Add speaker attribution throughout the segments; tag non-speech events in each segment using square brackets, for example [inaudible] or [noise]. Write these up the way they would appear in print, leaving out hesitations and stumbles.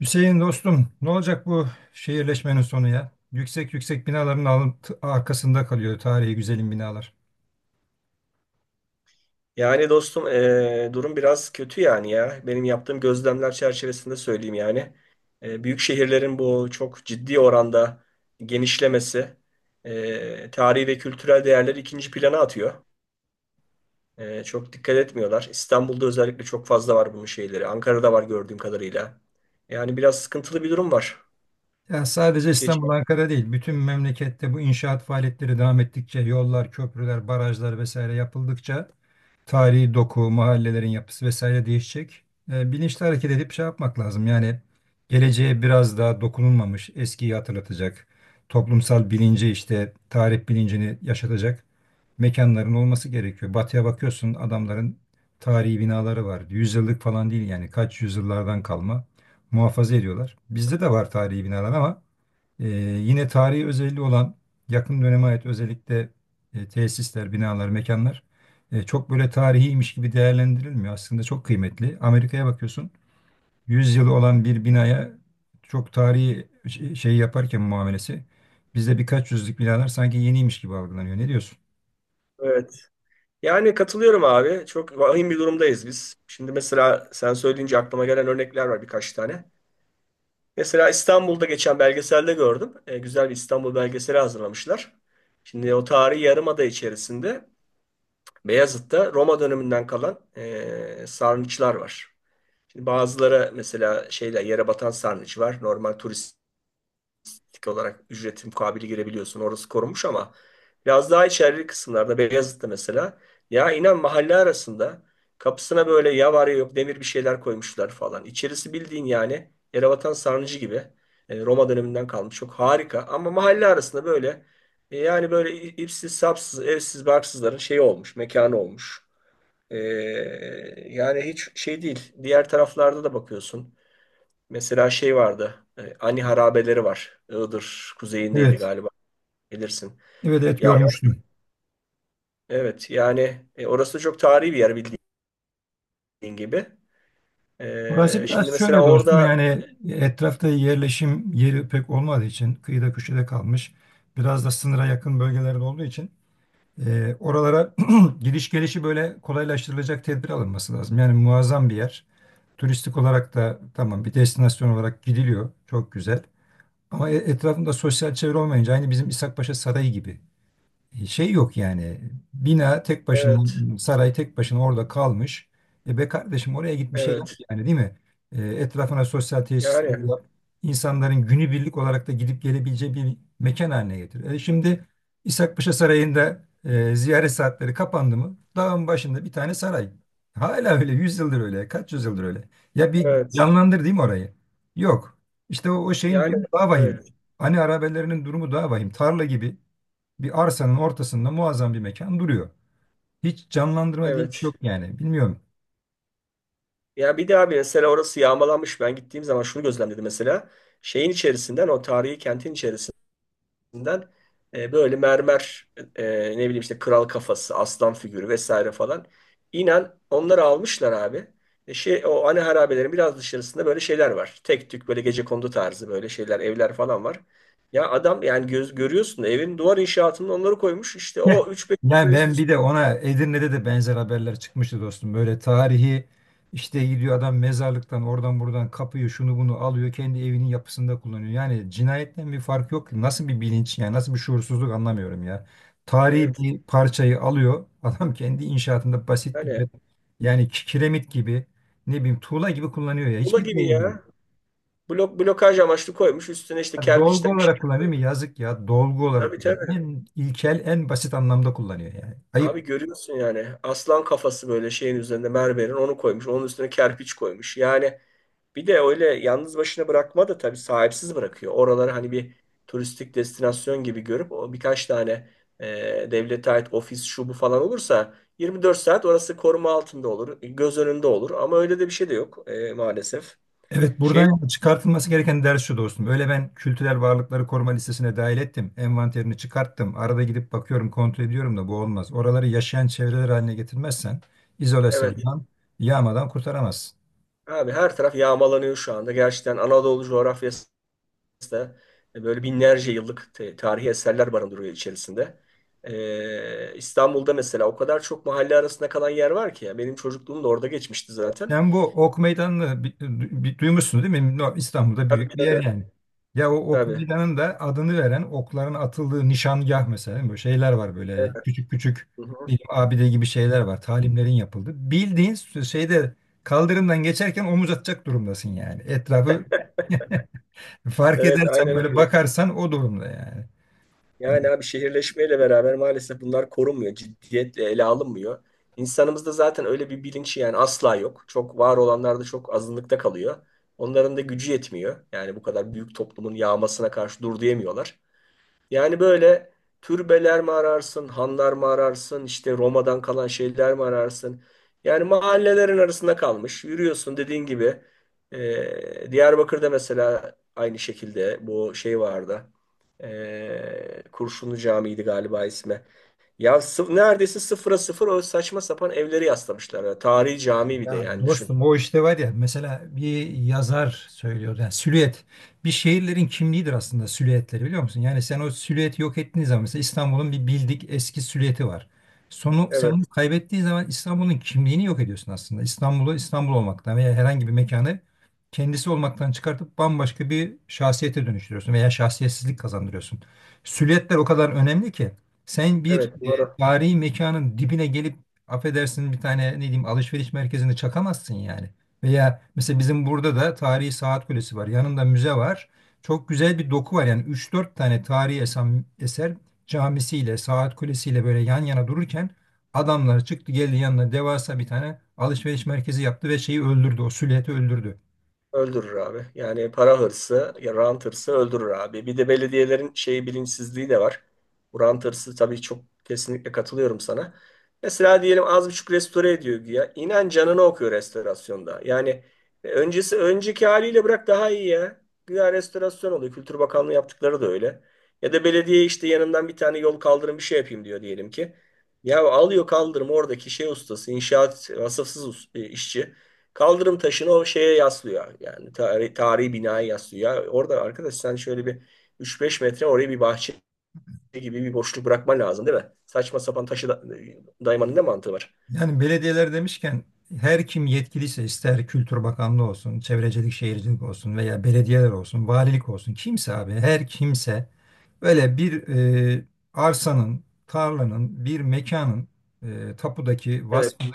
Speaker 1: Hüseyin dostum, ne olacak bu şehirleşmenin sonu ya? Yüksek yüksek binaların arkasında kalıyor tarihi güzelim binalar.
Speaker 2: Yani dostum, durum biraz kötü yani ya. Benim yaptığım gözlemler çerçevesinde söyleyeyim yani. Büyük şehirlerin bu çok ciddi oranda genişlemesi tarihi ve kültürel değerleri ikinci plana atıyor. Çok dikkat etmiyorlar. İstanbul'da özellikle çok fazla var bunun şeyleri. Ankara'da var gördüğüm kadarıyla. Yani biraz sıkıntılı bir durum var.
Speaker 1: Ya sadece
Speaker 2: Geç,
Speaker 1: İstanbul, Ankara değil, bütün memlekette bu inşaat faaliyetleri devam ettikçe, yollar, köprüler, barajlar vesaire yapıldıkça tarihi doku, mahallelerin yapısı vesaire değişecek. Bilinçli hareket edip şey yapmak lazım. Yani geleceğe biraz daha dokunulmamış, eskiyi hatırlatacak, toplumsal bilinci işte tarih bilincini yaşatacak mekanların olması gerekiyor. Batıya bakıyorsun adamların tarihi binaları var. Yüzyıllık falan değil yani kaç yüzyıllardan kalma muhafaza ediyorlar. Bizde de var tarihi binalar ama e, yine tarihi özelliği olan yakın döneme ait özellikle tesisler, binalar, mekanlar çok böyle tarihiymiş gibi değerlendirilmiyor. Aslında çok kıymetli. Amerika'ya bakıyorsun 100 yılı olan bir binaya çok tarihi şey yaparken muamelesi bizde birkaç yüzlük binalar sanki yeniymiş gibi algılanıyor. Ne diyorsun?
Speaker 2: evet. Yani katılıyorum abi. Çok vahim bir durumdayız biz. Şimdi mesela sen söyleyince aklıma gelen örnekler var birkaç tane. Mesela İstanbul'da geçen belgeselde gördüm. Güzel bir İstanbul belgeseli hazırlamışlar. Şimdi o tarihi yarımada içerisinde Beyazıt'ta Roma döneminden kalan sarnıçlar var. Şimdi bazıları mesela şeyler yere batan sarnıç var. Normal turist tik olarak ücreti mukabili girebiliyorsun. Orası korunmuş ama biraz daha içerili kısımlarda Beyazıt'ta mesela ya inan mahalle arasında kapısına böyle ya var ya yok demir bir şeyler koymuşlar falan. İçerisi bildiğin yani Yerebatan Sarnıcı gibi Roma döneminden kalmış. Çok harika ama mahalle arasında böyle yani böyle ipsiz sapsız evsiz barksızların şeyi olmuş, mekanı olmuş. E, yani hiç şey değil. Diğer taraflarda da bakıyorsun. Mesela şey vardı. Ani harabeleri var. Iğdır kuzeyindeydi
Speaker 1: Evet.
Speaker 2: galiba. Bilirsin.
Speaker 1: Evet, evet,
Speaker 2: Ya
Speaker 1: görmüştüm.
Speaker 2: evet, yani orası çok tarihi bir yer, bildiğin gibi.
Speaker 1: Burası
Speaker 2: E,
Speaker 1: biraz
Speaker 2: şimdi mesela
Speaker 1: şöyle dostum
Speaker 2: orada.
Speaker 1: yani etrafta yerleşim yeri pek olmadığı için kıyıda köşede kalmış. Biraz da sınıra yakın bölgelerde olduğu için oralara [clears throat] giriş gelişi böyle kolaylaştırılacak tedbir alınması lazım. Yani muazzam bir yer. Turistik olarak da tamam bir destinasyon olarak gidiliyor. Çok güzel. Ama etrafında sosyal çevre olmayınca aynı bizim İshakpaşa Sarayı gibi şey yok yani. Bina tek başına,
Speaker 2: Evet,
Speaker 1: saray tek başına orada kalmış. E be kardeşim oraya git bir şey yap
Speaker 2: evet.
Speaker 1: yani değil mi? Etrafına sosyal tesisler
Speaker 2: Yani
Speaker 1: yap. İnsanların günübirlik olarak da gidip gelebileceği bir mekan haline getir. Şimdi İshakpaşa Sarayı'nda ziyaret saatleri kapandı mı? Dağın başında bir tane saray. Hala öyle, yüz yıldır öyle, kaç yüzyıldır öyle. Ya bir
Speaker 2: evet.
Speaker 1: canlandır değil mi orayı? Yok. İşte o şeyin
Speaker 2: Yani
Speaker 1: durumu daha vahim.
Speaker 2: evet,
Speaker 1: Hani arabelerinin durumu daha vahim. Tarla gibi bir arsanın ortasında muazzam bir mekan duruyor. Hiç canlandırma diye bir şey
Speaker 2: evet.
Speaker 1: yok yani. Bilmiyorum.
Speaker 2: Ya bir de abi, mesela orası yağmalanmış. Ben gittiğim zaman şunu gözlemledim mesela. Şeyin içerisinden, o tarihi kentin içerisinden, üzerinden böyle mermer, ne bileyim, işte kral kafası, aslan figürü vesaire falan. İnan, onları almışlar abi. Şey o ana harabelerin biraz dışarısında böyle şeyler var. Tek tük böyle gecekondu tarzı böyle şeyler, evler falan var. Ya adam yani göz görüyorsun da, evin duvar inşaatında onları koymuş. İşte o
Speaker 1: [laughs]
Speaker 2: üç beş
Speaker 1: Yani
Speaker 2: tane üst
Speaker 1: ben
Speaker 2: üste.
Speaker 1: bir de ona Edirne'de de benzer haberler çıkmıştı dostum. Böyle tarihi işte gidiyor adam mezarlıktan oradan buradan kapıyı şunu bunu alıyor kendi evinin yapısında kullanıyor. Yani cinayetten bir fark yok. Nasıl bir bilinç yani nasıl bir şuursuzluk anlamıyorum ya. Tarihi
Speaker 2: Evet.
Speaker 1: bir parçayı alıyor [laughs] adam kendi inşaatında basit bir
Speaker 2: Yani
Speaker 1: yani kiremit gibi ne bileyim tuğla gibi kullanıyor ya. Hiç
Speaker 2: ola
Speaker 1: mi
Speaker 2: gibi
Speaker 1: değil.
Speaker 2: ya. Blok blokaj amaçlı koymuş. Üstüne işte
Speaker 1: Ha, dolgu
Speaker 2: kerpiçten bir şey.
Speaker 1: olarak kullanıyor mu? Yazık ya. Dolgu olarak
Speaker 2: Tabii,
Speaker 1: yani
Speaker 2: tabii.
Speaker 1: en ilkel, en basit anlamda kullanıyor yani. Ayıp.
Speaker 2: Abi görüyorsun yani, aslan kafası böyle şeyin üzerinde, mermerin onu koymuş. Onun üstüne kerpiç koymuş. Yani bir de öyle yalnız başına bırakma da tabii sahipsiz bırakıyor. Oraları hani bir turistik destinasyon gibi görüp o birkaç tane devlete ait ofis şu bu falan olursa, 24 saat orası koruma altında olur. Göz önünde olur ama öyle de bir şey de yok maalesef.
Speaker 1: Evet,
Speaker 2: Şey
Speaker 1: buradan çıkartılması gereken ders şu dostum. Öyle ben kültürel varlıkları koruma listesine dahil ettim. Envanterini çıkarttım. Arada gidip bakıyorum, kontrol ediyorum da bu olmaz. Oraları yaşayan çevreler haline getirmezsen
Speaker 2: evet,
Speaker 1: izolasyondan, yağmadan kurtaramazsın.
Speaker 2: abi, her taraf yağmalanıyor şu anda. Gerçekten Anadolu coğrafyası da böyle binlerce yıllık tarihi eserler barındırıyor içerisinde. İstanbul'da mesela o kadar çok mahalle arasında kalan yer var ki ya. Benim çocukluğum da orada geçmişti zaten.
Speaker 1: Sen bu Ok Meydanı'nı duymuşsun değil mi? No, İstanbul'da
Speaker 2: Tabii,
Speaker 1: büyük bir yer
Speaker 2: tabii.
Speaker 1: yani. Ya o Ok
Speaker 2: Tabii.
Speaker 1: Meydanı'nın da adını veren okların atıldığı nişangah mesela değil mi? Böyle şeyler var
Speaker 2: Evet,
Speaker 1: böyle küçük küçük
Speaker 2: hı hı.
Speaker 1: diyelim abide gibi şeyler var. Talimlerin yapıldı. Bildiğin şeyde kaldırımdan geçerken omuz atacak durumdasın yani. Etrafı [laughs] fark
Speaker 2: Evet,
Speaker 1: edersen
Speaker 2: aynen
Speaker 1: böyle
Speaker 2: öyle.
Speaker 1: bakarsan o durumda yani.
Speaker 2: Yani abi, şehirleşmeyle beraber maalesef bunlar korunmuyor. Ciddiyetle ele alınmıyor. İnsanımızda zaten öyle bir bilinç yani asla yok. Çok var olanlar da çok azınlıkta kalıyor. Onların da gücü yetmiyor. Yani bu kadar büyük toplumun yağmasına karşı dur diyemiyorlar. Yani böyle, türbeler mi ararsın, hanlar mı ararsın, işte Roma'dan kalan şeyler mi ararsın? Yani mahallelerin arasında kalmış. Yürüyorsun dediğin gibi. Diyarbakır'da mesela aynı şekilde bu şey vardı. Kurşunlu Camii'ydi galiba ismi. Ya neredeyse sıfıra sıfır o saçma sapan evleri yaslamışlar. Yani tarihi cami, bir de
Speaker 1: Ya
Speaker 2: yani düşün.
Speaker 1: dostum o işte var ya mesela bir yazar söylüyor yani silüet bir şehirlerin kimliğidir aslında silüetleri biliyor musun? Yani sen o silüeti yok ettiğin zaman mesela İstanbul'un bir bildik eski silüeti var. Sonu sen onu
Speaker 2: Evet,
Speaker 1: kaybettiğin zaman İstanbul'un kimliğini yok ediyorsun aslında. İstanbul'u İstanbul olmaktan veya herhangi bir mekanı kendisi olmaktan çıkartıp bambaşka bir şahsiyete dönüştürüyorsun veya şahsiyetsizlik kazandırıyorsun. Silüetler o kadar önemli ki sen bir
Speaker 2: evet, doğru.
Speaker 1: tarihi mekanın dibine gelip affedersin bir tane ne diyeyim alışveriş merkezinde çakamazsın yani. Veya mesela bizim burada da tarihi saat kulesi var. Yanında müze var. Çok güzel bir doku var. Yani üç dört tane tarihi eser camisiyle, saat kulesiyle böyle yan yana dururken adamlar çıktı geldi yanına devasa bir tane alışveriş merkezi yaptı ve şeyi öldürdü. O silüeti öldürdü.
Speaker 2: Öldürür abi. Yani para hırsı, ya rant hırsı öldürür abi. Bir de belediyelerin şeyi, bilinçsizliği de var. Bu rant hırsı tabii çok, kesinlikle katılıyorum sana. Mesela diyelim, az buçuk restore ediyor güya. İnan, canını okuyor restorasyonda. Yani öncesi, önceki haliyle bırak daha iyi ya. Güya restorasyon oluyor. Kültür Bakanlığı yaptıkları da öyle. Ya da belediye işte yanından bir tane yol, kaldırım, bir şey yapayım diyor diyelim ki. Ya alıyor kaldırım oradaki şey ustası, inşaat vasıfsız işçi. Kaldırım taşını o şeye yaslıyor. Yani tarihi, tarihi binaya yaslıyor. Orada arkadaş sen şöyle bir üç beş metre oraya bir bahçe gibi bir boşluk bırakman lazım değil mi? Saçma sapan taşı da daymanın ne mantığı var?
Speaker 1: Yani belediyeler demişken her kim yetkiliyse ister Kültür Bakanlığı olsun, Çevrecilik Şehircilik olsun veya belediyeler olsun, valilik olsun kimse abi her kimse böyle bir arsanın, tarlanın, bir mekanın tapudaki vasfını
Speaker 2: Evet,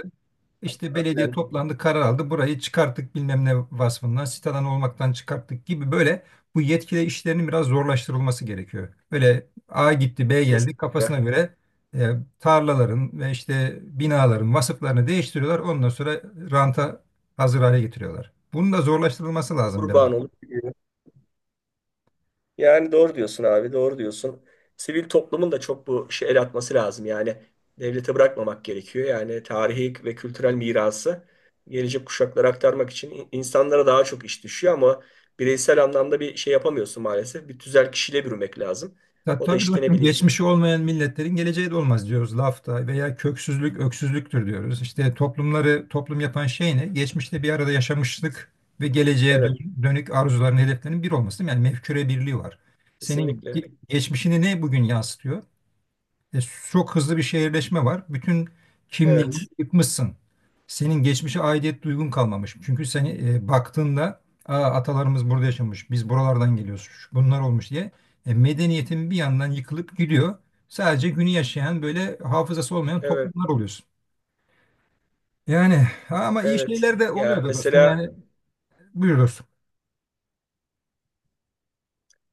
Speaker 1: işte belediye
Speaker 2: aynen.
Speaker 1: toplandı, karar aldı. Burayı çıkarttık bilmem ne vasfından, sitadan olmaktan çıkarttık gibi böyle bu yetkili işlerinin biraz zorlaştırılması gerekiyor. Böyle A gitti, B geldi kafasına
Speaker 2: Kesinlikle.
Speaker 1: göre e, tarlaların ve işte binaların vasıflarını değiştiriyorlar. Ondan sonra ranta hazır hale getiriyorlar. Bunun da zorlaştırılması lazım biraz.
Speaker 2: Kurban olup gidiyor. Yani doğru diyorsun abi, doğru diyorsun. Sivil toplumun da çok bu işe el atması lazım. Yani devlete bırakmamak gerekiyor. Yani tarihi ve kültürel mirası gelecek kuşaklara aktarmak için insanlara daha çok iş düşüyor ama bireysel anlamda bir şey yapamıyorsun maalesef. Bir tüzel kişiyle bürümek lazım.
Speaker 1: Ya
Speaker 2: O da
Speaker 1: tabii
Speaker 2: işte ne
Speaker 1: dostum
Speaker 2: bileyim.
Speaker 1: geçmişi olmayan milletlerin geleceği de olmaz diyoruz lafta veya köksüzlük öksüzlüktür diyoruz. İşte toplumları toplum yapan şey ne? Geçmişte bir arada yaşamışlık ve geleceğe
Speaker 2: Evet,
Speaker 1: dönük arzuların hedeflerinin bir olması değil mi? Yani mefküre birliği var. Senin
Speaker 2: kesinlikle.
Speaker 1: geçmişini ne bugün yansıtıyor? E, Çok hızlı bir şehirleşme var. Bütün kimliğini
Speaker 2: Evet,
Speaker 1: yıkmışsın. Senin geçmişe aidiyet duygun kalmamış. Çünkü seni baktığında Aa, atalarımız burada yaşamış, biz buralardan geliyoruz, şu- bunlar olmuş diye medeniyetin bir yandan yıkılıp gidiyor. Sadece günü yaşayan böyle hafızası olmayan
Speaker 2: evet,
Speaker 1: toplumlar oluyorsun. Yani ama iyi
Speaker 2: evet.
Speaker 1: şeyler de
Speaker 2: Ya
Speaker 1: oluyor da dostum.
Speaker 2: mesela
Speaker 1: Yani buyur dostum.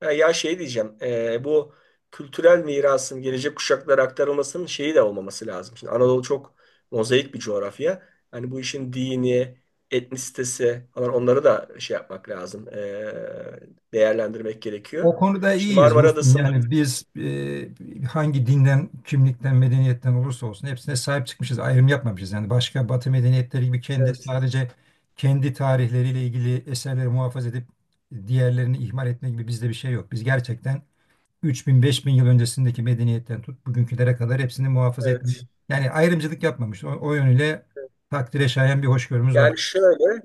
Speaker 2: Ya, şey diyeceğim, bu kültürel mirasın gelecek kuşaklara aktarılmasının şeyi de olmaması lazım. Şimdi Anadolu çok mozaik bir coğrafya. Hani bu işin dini, etnisitesi falan, onları da şey yapmak lazım, değerlendirmek gerekiyor.
Speaker 1: O konuda
Speaker 2: Şimdi
Speaker 1: iyiyiz
Speaker 2: Marmara
Speaker 1: dostum.
Speaker 2: Adası'nda.
Speaker 1: Yani biz hangi dinden, kimlikten, medeniyetten olursa olsun hepsine sahip çıkmışız. Ayrım yapmamışız. Yani başka Batı medeniyetleri gibi kendi
Speaker 2: Evet,
Speaker 1: sadece kendi tarihleriyle ilgili eserleri muhafaza edip diğerlerini ihmal etme gibi bizde bir şey yok. Biz gerçekten 3000-5000 yıl öncesindeki medeniyetten tut bugünkülere kadar hepsini muhafaza
Speaker 2: evet.
Speaker 1: etmeyi yani ayrımcılık yapmamış. O yönüyle takdire şayan bir hoşgörümüz var.
Speaker 2: Yani şöyle,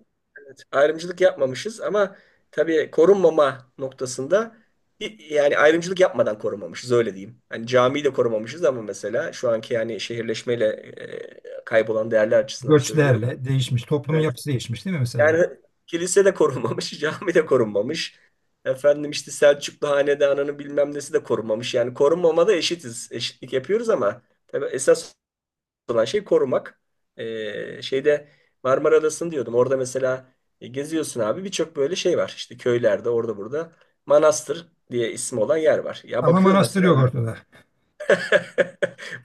Speaker 2: evet, ayrımcılık yapmamışız ama tabii korunmama noktasında, yani ayrımcılık yapmadan korumamışız, öyle diyeyim. Hani camiyi de korumamışız ama mesela şu anki yani şehirleşmeyle kaybolan değerler açısından söylüyorum.
Speaker 1: Göçlerle değişmiş. Toplumun
Speaker 2: Evet.
Speaker 1: yapısı değişmiş değil mi mesela?
Speaker 2: Yani kilise de korunmamış, [laughs] cami de korunmamış. Efendim işte Selçuklu hanedanının bilmem nesi de korunmamış. Yani korunmamada eşitiz. Eşitlik yapıyoruz ama tabii esas olan şey korumak. Şeyde Marmara Adası'nı diyordum. Orada mesela geziyorsun abi, birçok böyle şey var. İşte köylerde, orada burada, Manastır diye ismi olan yer var. Ya
Speaker 1: Ama
Speaker 2: bakıyorum
Speaker 1: manastır yok
Speaker 2: mesela, [laughs]
Speaker 1: ortada.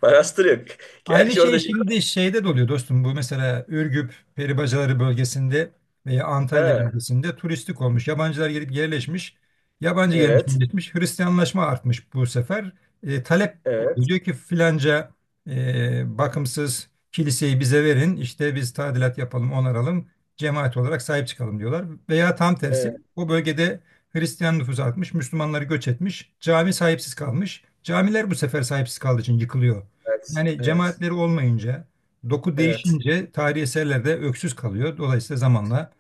Speaker 2: Manastır yok.
Speaker 1: Aynı
Speaker 2: Gerçi
Speaker 1: şey
Speaker 2: orada şey...
Speaker 1: şimdi şeyde de oluyor dostum. Bu mesela Ürgüp, Peribacaları bölgesinde veya Antalya
Speaker 2: Ha,
Speaker 1: bölgesinde turistik olmuş. Yabancılar gelip yerleşmiş. Yabancı gelmiş
Speaker 2: evet,
Speaker 1: yerleşmiş. Hristiyanlaşma artmış bu sefer. Talep oluyor.
Speaker 2: evet,
Speaker 1: Diyor ki filanca bakımsız kiliseyi bize verin. İşte biz tadilat yapalım, onaralım. Cemaat olarak sahip çıkalım diyorlar. Veya tam
Speaker 2: evet,
Speaker 1: tersi o bölgede Hristiyan nüfusu artmış. Müslümanları göç etmiş. Cami sahipsiz kalmış. Camiler bu sefer sahipsiz kaldığı için yıkılıyor.
Speaker 2: evet,
Speaker 1: Yani
Speaker 2: evet,
Speaker 1: cemaatleri olmayınca, doku
Speaker 2: evet.
Speaker 1: değişince tarihi eserler de öksüz kalıyor. Dolayısıyla zamanla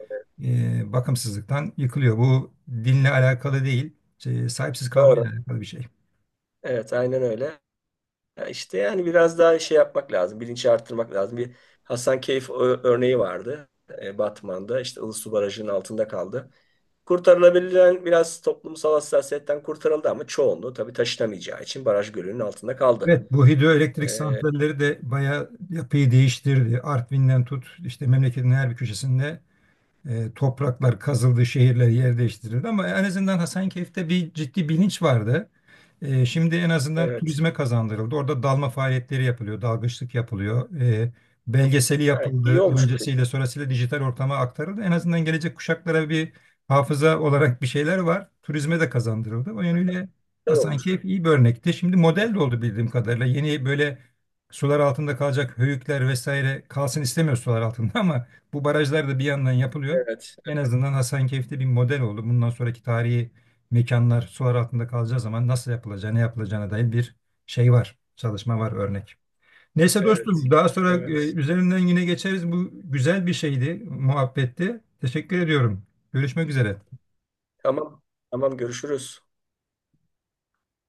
Speaker 1: bakımsızlıktan yıkılıyor. Bu dinle alakalı değil, şey, sahipsiz kalmayla
Speaker 2: Doğru.
Speaker 1: alakalı bir şey.
Speaker 2: Evet, aynen öyle. Ya işte yani biraz daha şey yapmak lazım. Bilinci arttırmak lazım. Bir Hasankeyf örneği vardı. Batman'da işte Ilısu Barajı'nın altında kaldı. Kurtarılabilen biraz toplumsal hassasiyetten kurtarıldı ama çoğunluğu tabii taşınamayacağı için baraj gölünün altında kaldı.
Speaker 1: Evet, bu hidroelektrik
Speaker 2: Ee,
Speaker 1: santralleri de bayağı yapıyı değiştirdi. Artvin'den tut, işte memleketin her bir köşesinde topraklar kazıldı, şehirler yer değiştirildi ama en azından Hasankeyf'te bir ciddi bilinç vardı. Şimdi en azından
Speaker 2: evet.
Speaker 1: turizme kazandırıldı. Orada dalma faaliyetleri yapılıyor, dalgıçlık yapılıyor. Belgeseli
Speaker 2: Ha,
Speaker 1: yapıldı,
Speaker 2: iyi olmuş.
Speaker 1: öncesiyle sonrasıyla dijital ortama aktarıldı. En azından gelecek kuşaklara bir hafıza olarak bir şeyler var. Turizme de kazandırıldı. O yönüyle
Speaker 2: Güzel olmuş.
Speaker 1: Hasankeyf iyi bir örnekti. Şimdi model de oldu bildiğim kadarıyla. Yeni böyle sular altında kalacak höyükler vesaire kalsın istemiyor sular altında [laughs] ama bu barajlar da bir yandan yapılıyor.
Speaker 2: Evet.
Speaker 1: En azından Hasankeyf'te bir model oldu. Bundan sonraki tarihi mekanlar sular altında kalacağı zaman nasıl yapılacağı, ne yapılacağına dair bir şey var. Çalışma var, örnek. Neyse
Speaker 2: Evet.
Speaker 1: dostum, daha sonra
Speaker 2: Evet.
Speaker 1: üzerinden yine geçeriz. Bu güzel bir şeydi, muhabbetti. Teşekkür ediyorum. Görüşmek üzere.
Speaker 2: Tamam. Tamam, görüşürüz.